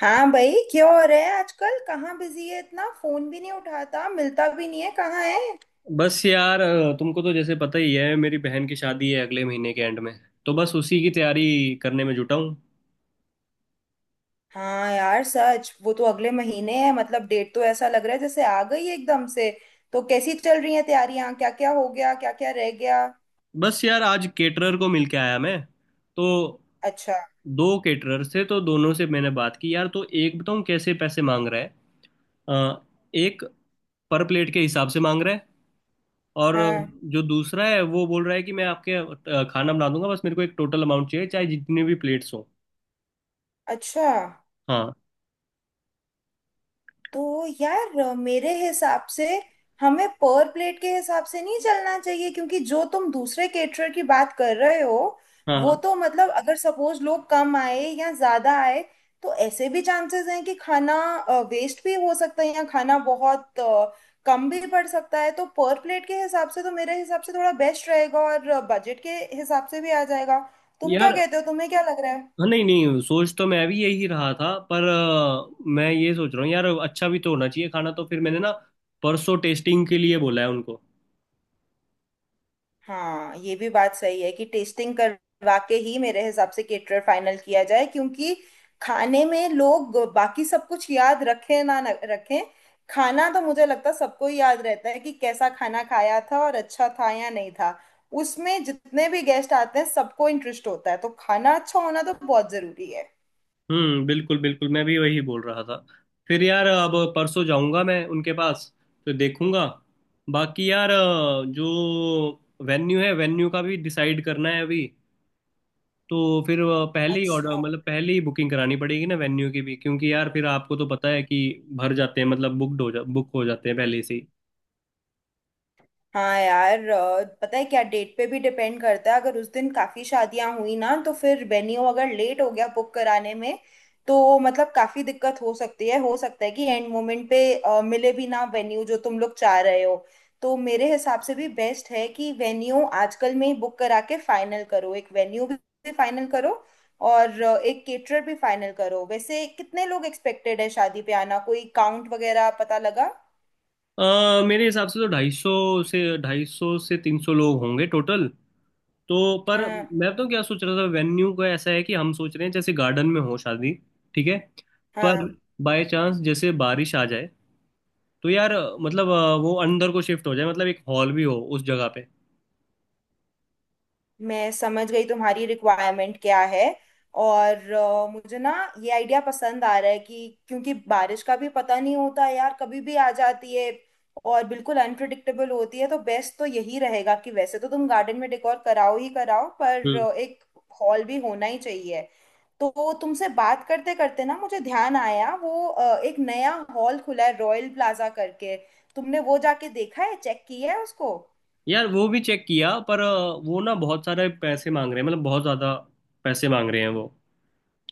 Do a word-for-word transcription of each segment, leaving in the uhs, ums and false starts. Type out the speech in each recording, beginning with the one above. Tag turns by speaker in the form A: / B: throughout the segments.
A: हाँ भाई, क्या हो रहा है आजकल। कहाँ बिजी है, इतना फोन भी नहीं उठाता, मिलता भी नहीं है, कहाँ है।
B: बस यार, अ, तुमको तो जैसे पता ही है, मेरी बहन की शादी है अगले महीने के एंड में। तो बस उसी की तैयारी करने में जुटा हूँ।
A: हाँ यार सच, वो तो अगले महीने है। मतलब डेट तो ऐसा लग रहा है जैसे आ गई है एकदम से। तो कैसी चल रही है तैयारियां, क्या क्या हो गया, क्या क्या रह गया?
B: बस यार, आज केटरर को मिल के आया मैं। तो
A: अच्छा।
B: दो केटरर से, तो दोनों से मैंने बात की यार। तो एक बताऊँ कैसे पैसे मांग रहा है। अ, एक पर प्लेट के हिसाब से मांग रहा है। और
A: हाँ।
B: जो दूसरा है वो बोल रहा है कि मैं आपके अ, खाना बना दूंगा, बस मेरे को एक टोटल अमाउंट चाहिए, चाहे जितनी भी प्लेट्स हो।
A: अच्छा।
B: हाँ,
A: तो यार अ, मेरे हिसाब से हमें पर प्लेट के हिसाब से नहीं चलना चाहिए, क्योंकि जो तुम दूसरे केटरर की बात कर रहे हो,
B: हाँ,
A: वो
B: हाँ।
A: तो मतलब अगर सपोज लोग कम आए या ज्यादा आए तो ऐसे भी चांसेस हैं कि खाना वेस्ट भी हो सकता है या खाना बहुत अ, कम भी पड़ सकता है। तो पर प्लेट के हिसाब से तो मेरे हिसाब से थोड़ा बेस्ट रहेगा और बजट के हिसाब से भी आ जाएगा। तुम क्या
B: यार,
A: कहते हो, तुम्हें क्या लग रहा है?
B: हाँ, नहीं नहीं, सोच तो मैं भी यही रहा था। पर अ, मैं ये सोच रहा हूँ यार, अच्छा भी तो होना चाहिए खाना। तो फिर मैंने ना परसों टेस्टिंग के लिए बोला है उनको।
A: हाँ, ये भी बात सही है कि टेस्टिंग करवा के ही मेरे हिसाब से केटरर फाइनल किया जाए, क्योंकि खाने में लोग बाकी सब कुछ याद रखें ना न- रखें, खाना तो मुझे लगता है सबको ही याद रहता है कि कैसा खाना खाया था और अच्छा था या नहीं था। उसमें जितने भी गेस्ट आते हैं सबको इंटरेस्ट होता है, तो खाना अच्छा होना तो बहुत जरूरी है।
B: हम्म, बिल्कुल बिल्कुल, मैं भी वही बोल रहा था। फिर यार अब परसों जाऊंगा मैं उनके पास। तो देखूंगा। बाकी यार, अ, जो वेन्यू है वेन्यू का भी डिसाइड करना है अभी। तो फिर अ, पहले ही ऑर्डर
A: अच्छा।
B: मतलब पहले ही बुकिंग करानी पड़ेगी ना वेन्यू की भी, क्योंकि यार फिर आपको तो पता है कि भर जाते हैं, मतलब बुकड हो जा बुक हो जाते हैं पहले से ही।
A: हाँ यार अ, पता है क्या, डेट पे भी डिपेंड करता है। अगर उस दिन काफी शादियां हुई ना तो फिर वेन्यू अगर लेट हो गया बुक कराने में तो मतलब काफी दिक्कत हो सकती है। हो सकता है कि एंड मोमेंट पे अ, मिले भी ना वेन्यू जो तुम लोग चाह रहे हो। तो मेरे हिसाब से भी बेस्ट है कि वेन्यू आजकल में ही बुक करा के फाइनल करो, एक वेन्यू भी फाइनल करो और अ, एक केटरर भी फाइनल करो। वैसे कितने लोग एक्सपेक्टेड है शादी पे आना, कोई काउंट वगैरह पता लगा?
B: अ, मेरे हिसाब से तो ढाई सौ से ढाई सौ से तीन सौ लोग होंगे टोटल। तो पर
A: हाँ।
B: मैं तो क्या सोच रहा था, वेन्यू का ऐसा है कि हम सोच रहे हैं जैसे गार्डन में हो शादी। ठीक है, पर
A: हाँ।
B: बाय चांस जैसे बारिश आ जाए तो यार मतलब अ, वो अंदर को शिफ्ट हो जाए, मतलब एक हॉल भी हो उस जगह पे।
A: मैं समझ गई तुम्हारी रिक्वायरमेंट क्या है। और अ, मुझे ना ये आइडिया पसंद आ रहा है कि क्योंकि बारिश का भी पता नहीं होता यार, कभी भी आ जाती है और बिल्कुल अनप्रिडिक्टेबल होती है। तो बेस्ट तो यही रहेगा कि वैसे तो तुम गार्डन में डेकोर कराओ ही कराओ, पर
B: हम्म
A: अ, एक हॉल भी होना ही चाहिए। तो तुमसे बात करते करते ना मुझे ध्यान आया, वो अ, एक नया हॉल खुला है रॉयल प्लाजा करके। तुमने वो जाके देखा है, चेक किया है उसको?
B: यार, वो भी चेक किया, पर अ, वो ना बहुत सारे पैसे मांग रहे हैं, मतलब बहुत ज़्यादा पैसे मांग रहे हैं वो।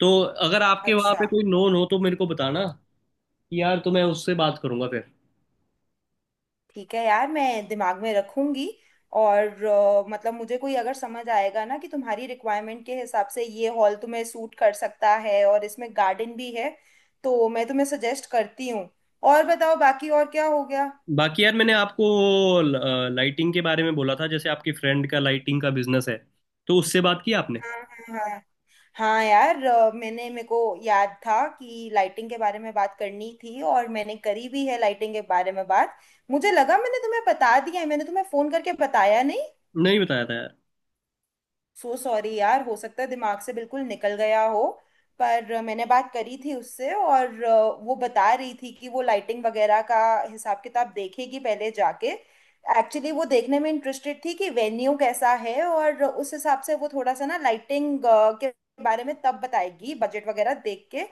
B: तो अगर आपके वहाँ पे
A: अच्छा।
B: कोई नोन हो तो मेरे को बताना कि यार, तो मैं उससे बात करूंगा फिर।
A: ठीक है यार, मैं दिमाग में रखूंगी। और अ, मतलब मुझे कोई अगर समझ आएगा ना कि तुम्हारी रिक्वायरमेंट के हिसाब से ये हॉल तुम्हें सूट कर सकता है और इसमें गार्डन भी है, तो मैं तुम्हें सजेस्ट करती हूँ। और बताओ, बाकी और क्या हो गया?
B: बाकी यार, मैंने आपको लाइटिंग के बारे में बोला था, जैसे आपकी फ्रेंड का लाइटिंग का बिजनेस है। तो उससे बात की आपने?
A: हाँ। हाँ हाँ। हाँ यार अ, मैंने, मेरे को याद था कि लाइटिंग के बारे में बात करनी थी और मैंने करी भी है लाइटिंग के बारे में बात। मुझे लगा मैंने तुम्हें बता दिया है, मैंने तुम्हें फोन करके बताया नहीं।
B: नहीं बताया था यार।
A: सो सॉरी यार, हो सकता है दिमाग से बिल्कुल निकल गया हो। पर मैंने बात करी थी उससे और अ, वो बता रही थी कि वो लाइटिंग वगैरह का हिसाब किताब देखेगी पहले जाके। एक्चुअली वो देखने में इंटरेस्टेड थी कि वेन्यू कैसा है और उस हिसाब से वो थोड़ा सा ना लाइटिंग के बारे में तब बताएगी, बजट वगैरह देख के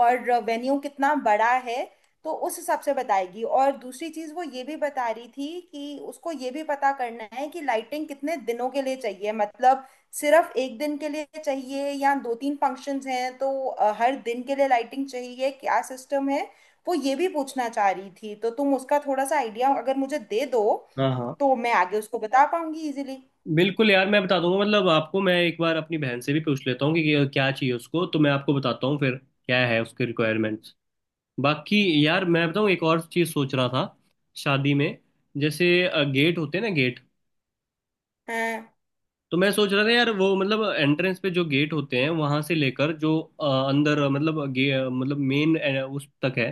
A: और वेन्यू कितना बड़ा है तो उस हिसाब से बताएगी। और दूसरी चीज वो ये भी बता रही थी कि उसको ये भी पता करना है कि लाइटिंग कितने दिनों के लिए चाहिए, मतलब सिर्फ एक दिन के लिए चाहिए या दो तीन फंक्शंस हैं तो अ, हर दिन के लिए लाइटिंग चाहिए, क्या सिस्टम है। वो ये भी पूछना चाह रही थी, तो तुम उसका थोड़ा सा आइडिया अगर मुझे दे दो
B: हाँ, हाँ।
A: तो मैं आगे उसको बता पाऊंगी इजीली।
B: बिल्कुल यार, मैं बता दूंगा, मतलब आपको मैं एक बार अपनी बहन से भी पूछ लेता हूँ कि क्या क्या चाहिए उसको, तो मैं आपको बताता हूँ फिर क्या है उसके रिक्वायरमेंट्स। बाकी यार, मैं बताऊँ, एक और चीज़ सोच रहा था। शादी में जैसे गेट होते हैं ना, गेट।
A: हाँ।
B: तो मैं सोच रहा था यार, वो मतलब एंट्रेंस पे जो गेट होते हैं, वहां से लेकर जो अ, अंदर अ, मतलब गे अ, मतलब मेन उस तक है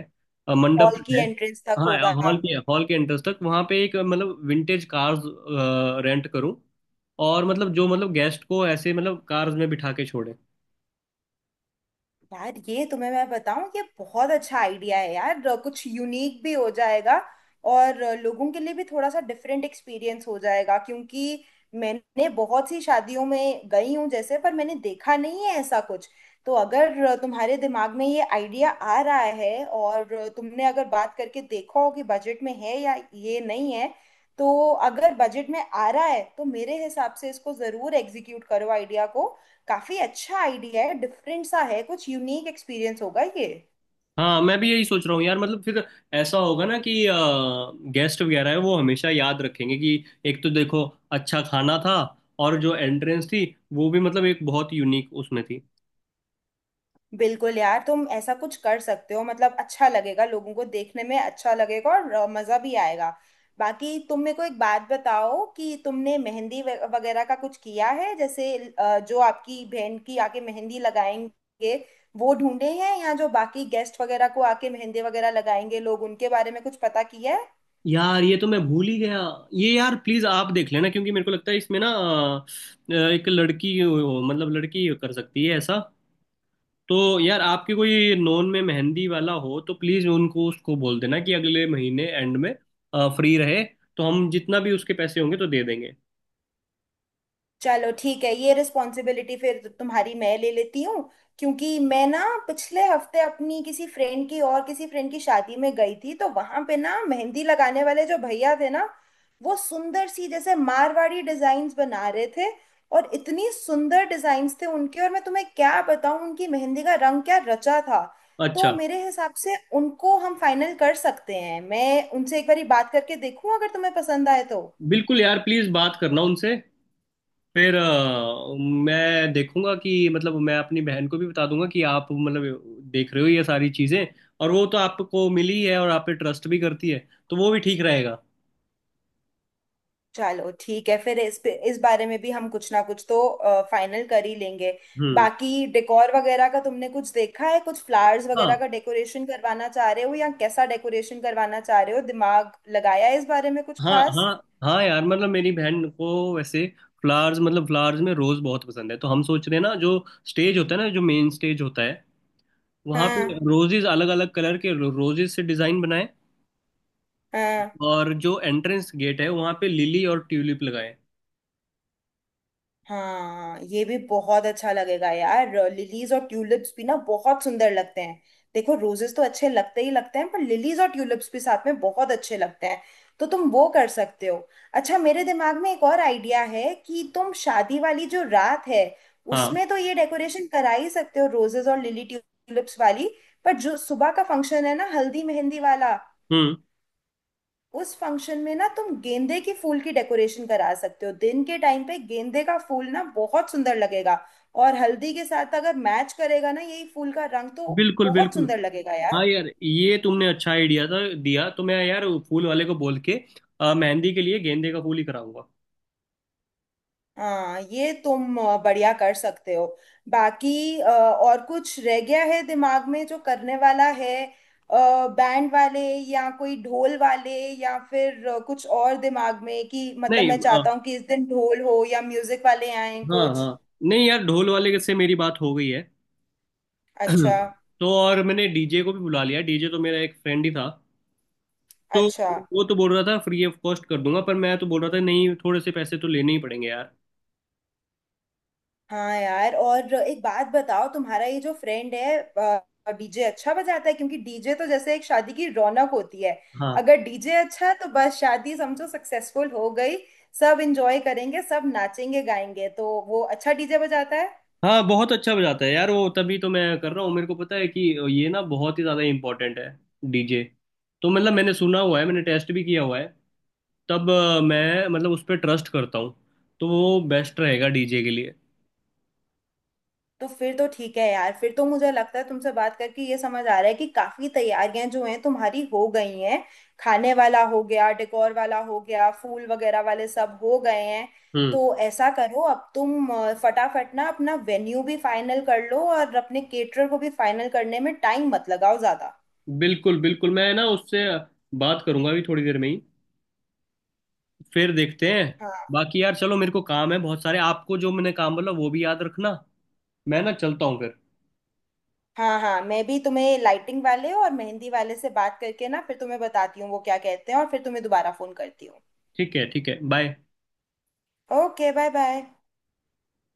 B: अ, मंडप
A: हॉल
B: तक
A: की
B: है।
A: एंट्रेंस तक
B: हाँ,
A: होगा।
B: हॉल के हॉल के एंट्रेंस तक वहां पे एक अ, मतलब विंटेज कार्स रेंट करूं। और मतलब जो मतलब गेस्ट को ऐसे मतलब कार्स में बिठा के छोड़े।
A: यार ये तुम्हें मैं बताऊं, ये बहुत अच्छा आइडिया है यार, अ, कुछ यूनिक भी हो जाएगा और अ, लोगों के लिए भी थोड़ा सा डिफरेंट एक्सपीरियंस हो जाएगा, क्योंकि मैंने बहुत सी शादियों में गई हूँ जैसे, पर मैंने देखा नहीं है ऐसा कुछ। तो अगर अ, तुम्हारे दिमाग में ये आइडिया आ रहा है और अ, तुमने अगर बात करके देखा हो कि बजट में है या ये नहीं है, तो अगर बजट में आ रहा है तो मेरे हिसाब से इसको जरूर एग्जीक्यूट करो, आइडिया को। काफी अच्छा आइडिया है, डिफरेंट सा है, कुछ यूनिक एक्सपीरियंस होगा ये।
B: हाँ, मैं भी यही सोच रहा हूँ यार। मतलब फिर ऐसा होगा ना कि गेस्ट वगैरह है वो हमेशा याद रखेंगे कि एक तो देखो, अच्छा खाना था, और जो एंट्रेंस थी वो भी मतलब एक बहुत यूनिक उसमें थी।
A: बिल्कुल यार, तुम ऐसा कुछ कर सकते हो, मतलब अच्छा लगेगा लोगों को, देखने में अच्छा लगेगा और अ, मजा भी आएगा। बाकी तुम मेरे को एक बात बताओ, कि तुमने मेहंदी वे- वगैरह का कुछ किया है? जैसे अ, जो आपकी बहन की आके मेहंदी लगाएंगे वो ढूंढे हैं, या जो बाकी गेस्ट वगैरह को आके मेहंदी वगैरह लगाएंगे लोग, उनके बारे में कुछ पता किया है?
B: यार ये तो मैं भूल ही गया ये। यार प्लीज आप देख लेना, क्योंकि मेरे को लगता है इसमें ना, अ, एक लड़की हो- मतलब लड़की कर सकती है ऐसा। तो यार आपके कोई नॉन में मेहंदी वाला हो तो प्लीज उनको उसको बोल देना कि अगले महीने एंड में फ्री रहे, तो हम जितना भी उसके पैसे होंगे तो दे देंगे।
A: चलो ठीक है, ये रिस्पॉन्सिबिलिटी फिर तो तुम्हारी मैं ले लेती हूँ, क्योंकि मैं ना पिछले हफ्ते अपनी किसी फ्रेंड की और किसी फ्रेंड की शादी में गई थी तो वहां पे ना मेहंदी लगाने वाले जो भैया थे ना, वो सुंदर सी जैसे मारवाड़ी डिजाइन्स बना रहे थे, और इतनी सुंदर डिजाइन्स थे उनके, और मैं तुम्हें क्या बताऊं उनकी मेहंदी का रंग क्या रचा था। तो
B: अच्छा।
A: मेरे हिसाब से उनको हम फाइनल कर सकते हैं। मैं उनसे एक बारी बात करके देखूं, अगर तुम्हें पसंद आए तो।
B: बिल्कुल यार, प्लीज बात करना उनसे। फिर अ, मैं देखूंगा कि मतलब मैं अपनी बहन को भी बता दूंगा कि आप मतलब देख रहे हो ये सारी चीजें। और वो तो आपको मिली है और आप पे ट्रस्ट भी करती है, तो वो भी ठीक रहेगा।
A: चलो ठीक है, फिर इस पे, इस बारे में भी हम कुछ ना कुछ तो फाइनल कर ही लेंगे।
B: हम्म।
A: बाकी डेकोर वगैरह का तुमने कुछ देखा है, कुछ फ्लावर्स वगैरह
B: हाँ,
A: का डेकोरेशन करवाना चाह रहे हो या कैसा डेकोरेशन करवाना चाह रहे हो, दिमाग लगाया है इस बारे में कुछ
B: हाँ।
A: खास?
B: हाँ। हाँ यार, मतलब मेरी बहन को वैसे फ्लावर्स, मतलब फ्लावर्स में रोज बहुत पसंद है। तो हम सोच रहे हैं ना, जो स्टेज होता है ना, जो मेन स्टेज होता है, वहां पे
A: हाँ।
B: रोजेज, अलग अलग कलर के रोजेज से डिजाइन बनाए।
A: हाँ।
B: और जो एंट्रेंस गेट है वहां पे लिली और ट्यूलिप लगाए।
A: हाँ, ये भी बहुत अच्छा लगेगा यार, लिलीज और ट्यूलिप्स भी ना बहुत सुंदर लगते हैं। देखो रोजेस तो अच्छे लगते ही लगते हैं, पर लिलीज और ट्यूलिप्स भी साथ में बहुत अच्छे लगते हैं। तो तुम वो कर सकते हो। अच्छा, मेरे दिमाग में एक और आइडिया है कि तुम शादी वाली जो रात है
B: हाँ।
A: उसमें तो ये डेकोरेशन करा ही सकते हो, रोजेस और लिली ट्यूलिप्स वाली, पर जो सुबह का फंक्शन है ना हल्दी मेहंदी वाला,
B: हम्म,
A: उस फंक्शन में ना तुम गेंदे के फूल की डेकोरेशन करा सकते हो। दिन के टाइम पे गेंदे का फूल ना बहुत सुंदर लगेगा और हल्दी के साथ अगर मैच करेगा ना यही फूल का रंग, तो
B: बिल्कुल
A: बहुत
B: बिल्कुल।
A: सुंदर लगेगा
B: हाँ
A: यार।
B: यार, ये तुमने अच्छा आइडिया था दिया। तो मैं यार वो फूल वाले को बोल के अ, मेहंदी के लिए गेंदे का फूल ही कराऊंगा।
A: हाँ ये तुम अ, बढ़िया कर सकते हो। बाकी अ, और कुछ रह गया है दिमाग में जो करने वाला है? बैंड वाले, या कोई ढोल वाले, या फिर अ, कुछ और दिमाग में कि मतलब
B: नहीं,
A: मैं
B: अ,
A: चाहता हूँ कि इस दिन ढोल हो या म्यूजिक वाले आए
B: हाँ
A: कुछ?
B: हाँ, नहीं यार, ढोल वाले से मेरी बात हो गई है।
A: अच्छा।
B: तो और मैंने डीजे को भी बुला लिया। डीजे तो मेरा एक फ्रेंड ही था तो।
A: अच्छा।
B: वो तो बोल रहा था फ्री ऑफ कॉस्ट कर दूंगा, पर मैं तो बोल रहा था, नहीं, थोड़े से पैसे तो लेने ही पड़ेंगे यार।
A: हाँ यार, और एक बात बताओ, तुम्हारा ये जो फ्रेंड है डीजे अच्छा बजाता है? क्योंकि डीजे तो जैसे एक शादी की रौनक होती है,
B: हाँ,
A: अगर डीजे अच्छा है तो बस शादी समझो सक्सेसफुल हो गई। सब एंजॉय करेंगे, सब नाचेंगे गाएंगे, तो वो अच्छा डीजे बजाता है?
B: हाँ, बहुत अच्छा बजाता है यार वो। तभी तो मैं कर रहा हूँ, मेरे को पता है कि ये ना बहुत ही ज़्यादा इम्पोर्टेंट है डीजे। तो मतलब मैंने सुना हुआ है, मैंने टेस्ट भी किया हुआ है। तब अ, मैं मतलब उस पर ट्रस्ट करता हूँ, तो वो बेस्ट रहेगा डीजे के लिए।
A: तो फिर तो ठीक है यार, फिर तो मुझे लगता है तुमसे बात करके ये समझ आ रहा है कि काफी तैयारियां जो हैं तुम्हारी हो गई हैं, खाने वाला हो गया, डेकोर वाला हो गया, फूल वगैरह वाले सब हो गए हैं।
B: हम्म,
A: तो ऐसा करो, अब तुम अ, फटाफट ना अपना वेन्यू भी फाइनल कर लो और अपने केटरर को भी फाइनल करने में टाइम मत लगाओ ज्यादा।
B: बिल्कुल बिल्कुल। मैं ना उससे बात करूंगा अभी थोड़ी देर में ही। फिर देखते हैं।
A: हाँ।
B: बाकी यार चलो, मेरे को काम है बहुत सारे। आपको जो मैंने काम बोला वो भी याद रखना। मैं ना चलता हूँ फिर।
A: हाँ। हाँ मैं भी तुम्हें लाइटिंग वाले और मेहंदी वाले से बात करके ना फिर तुम्हें बताती हूँ वो क्या कहते हैं, और फिर तुम्हें दोबारा फोन करती हूँ।
B: ठीक है, ठीक है, बाय।
A: Okay bye bye.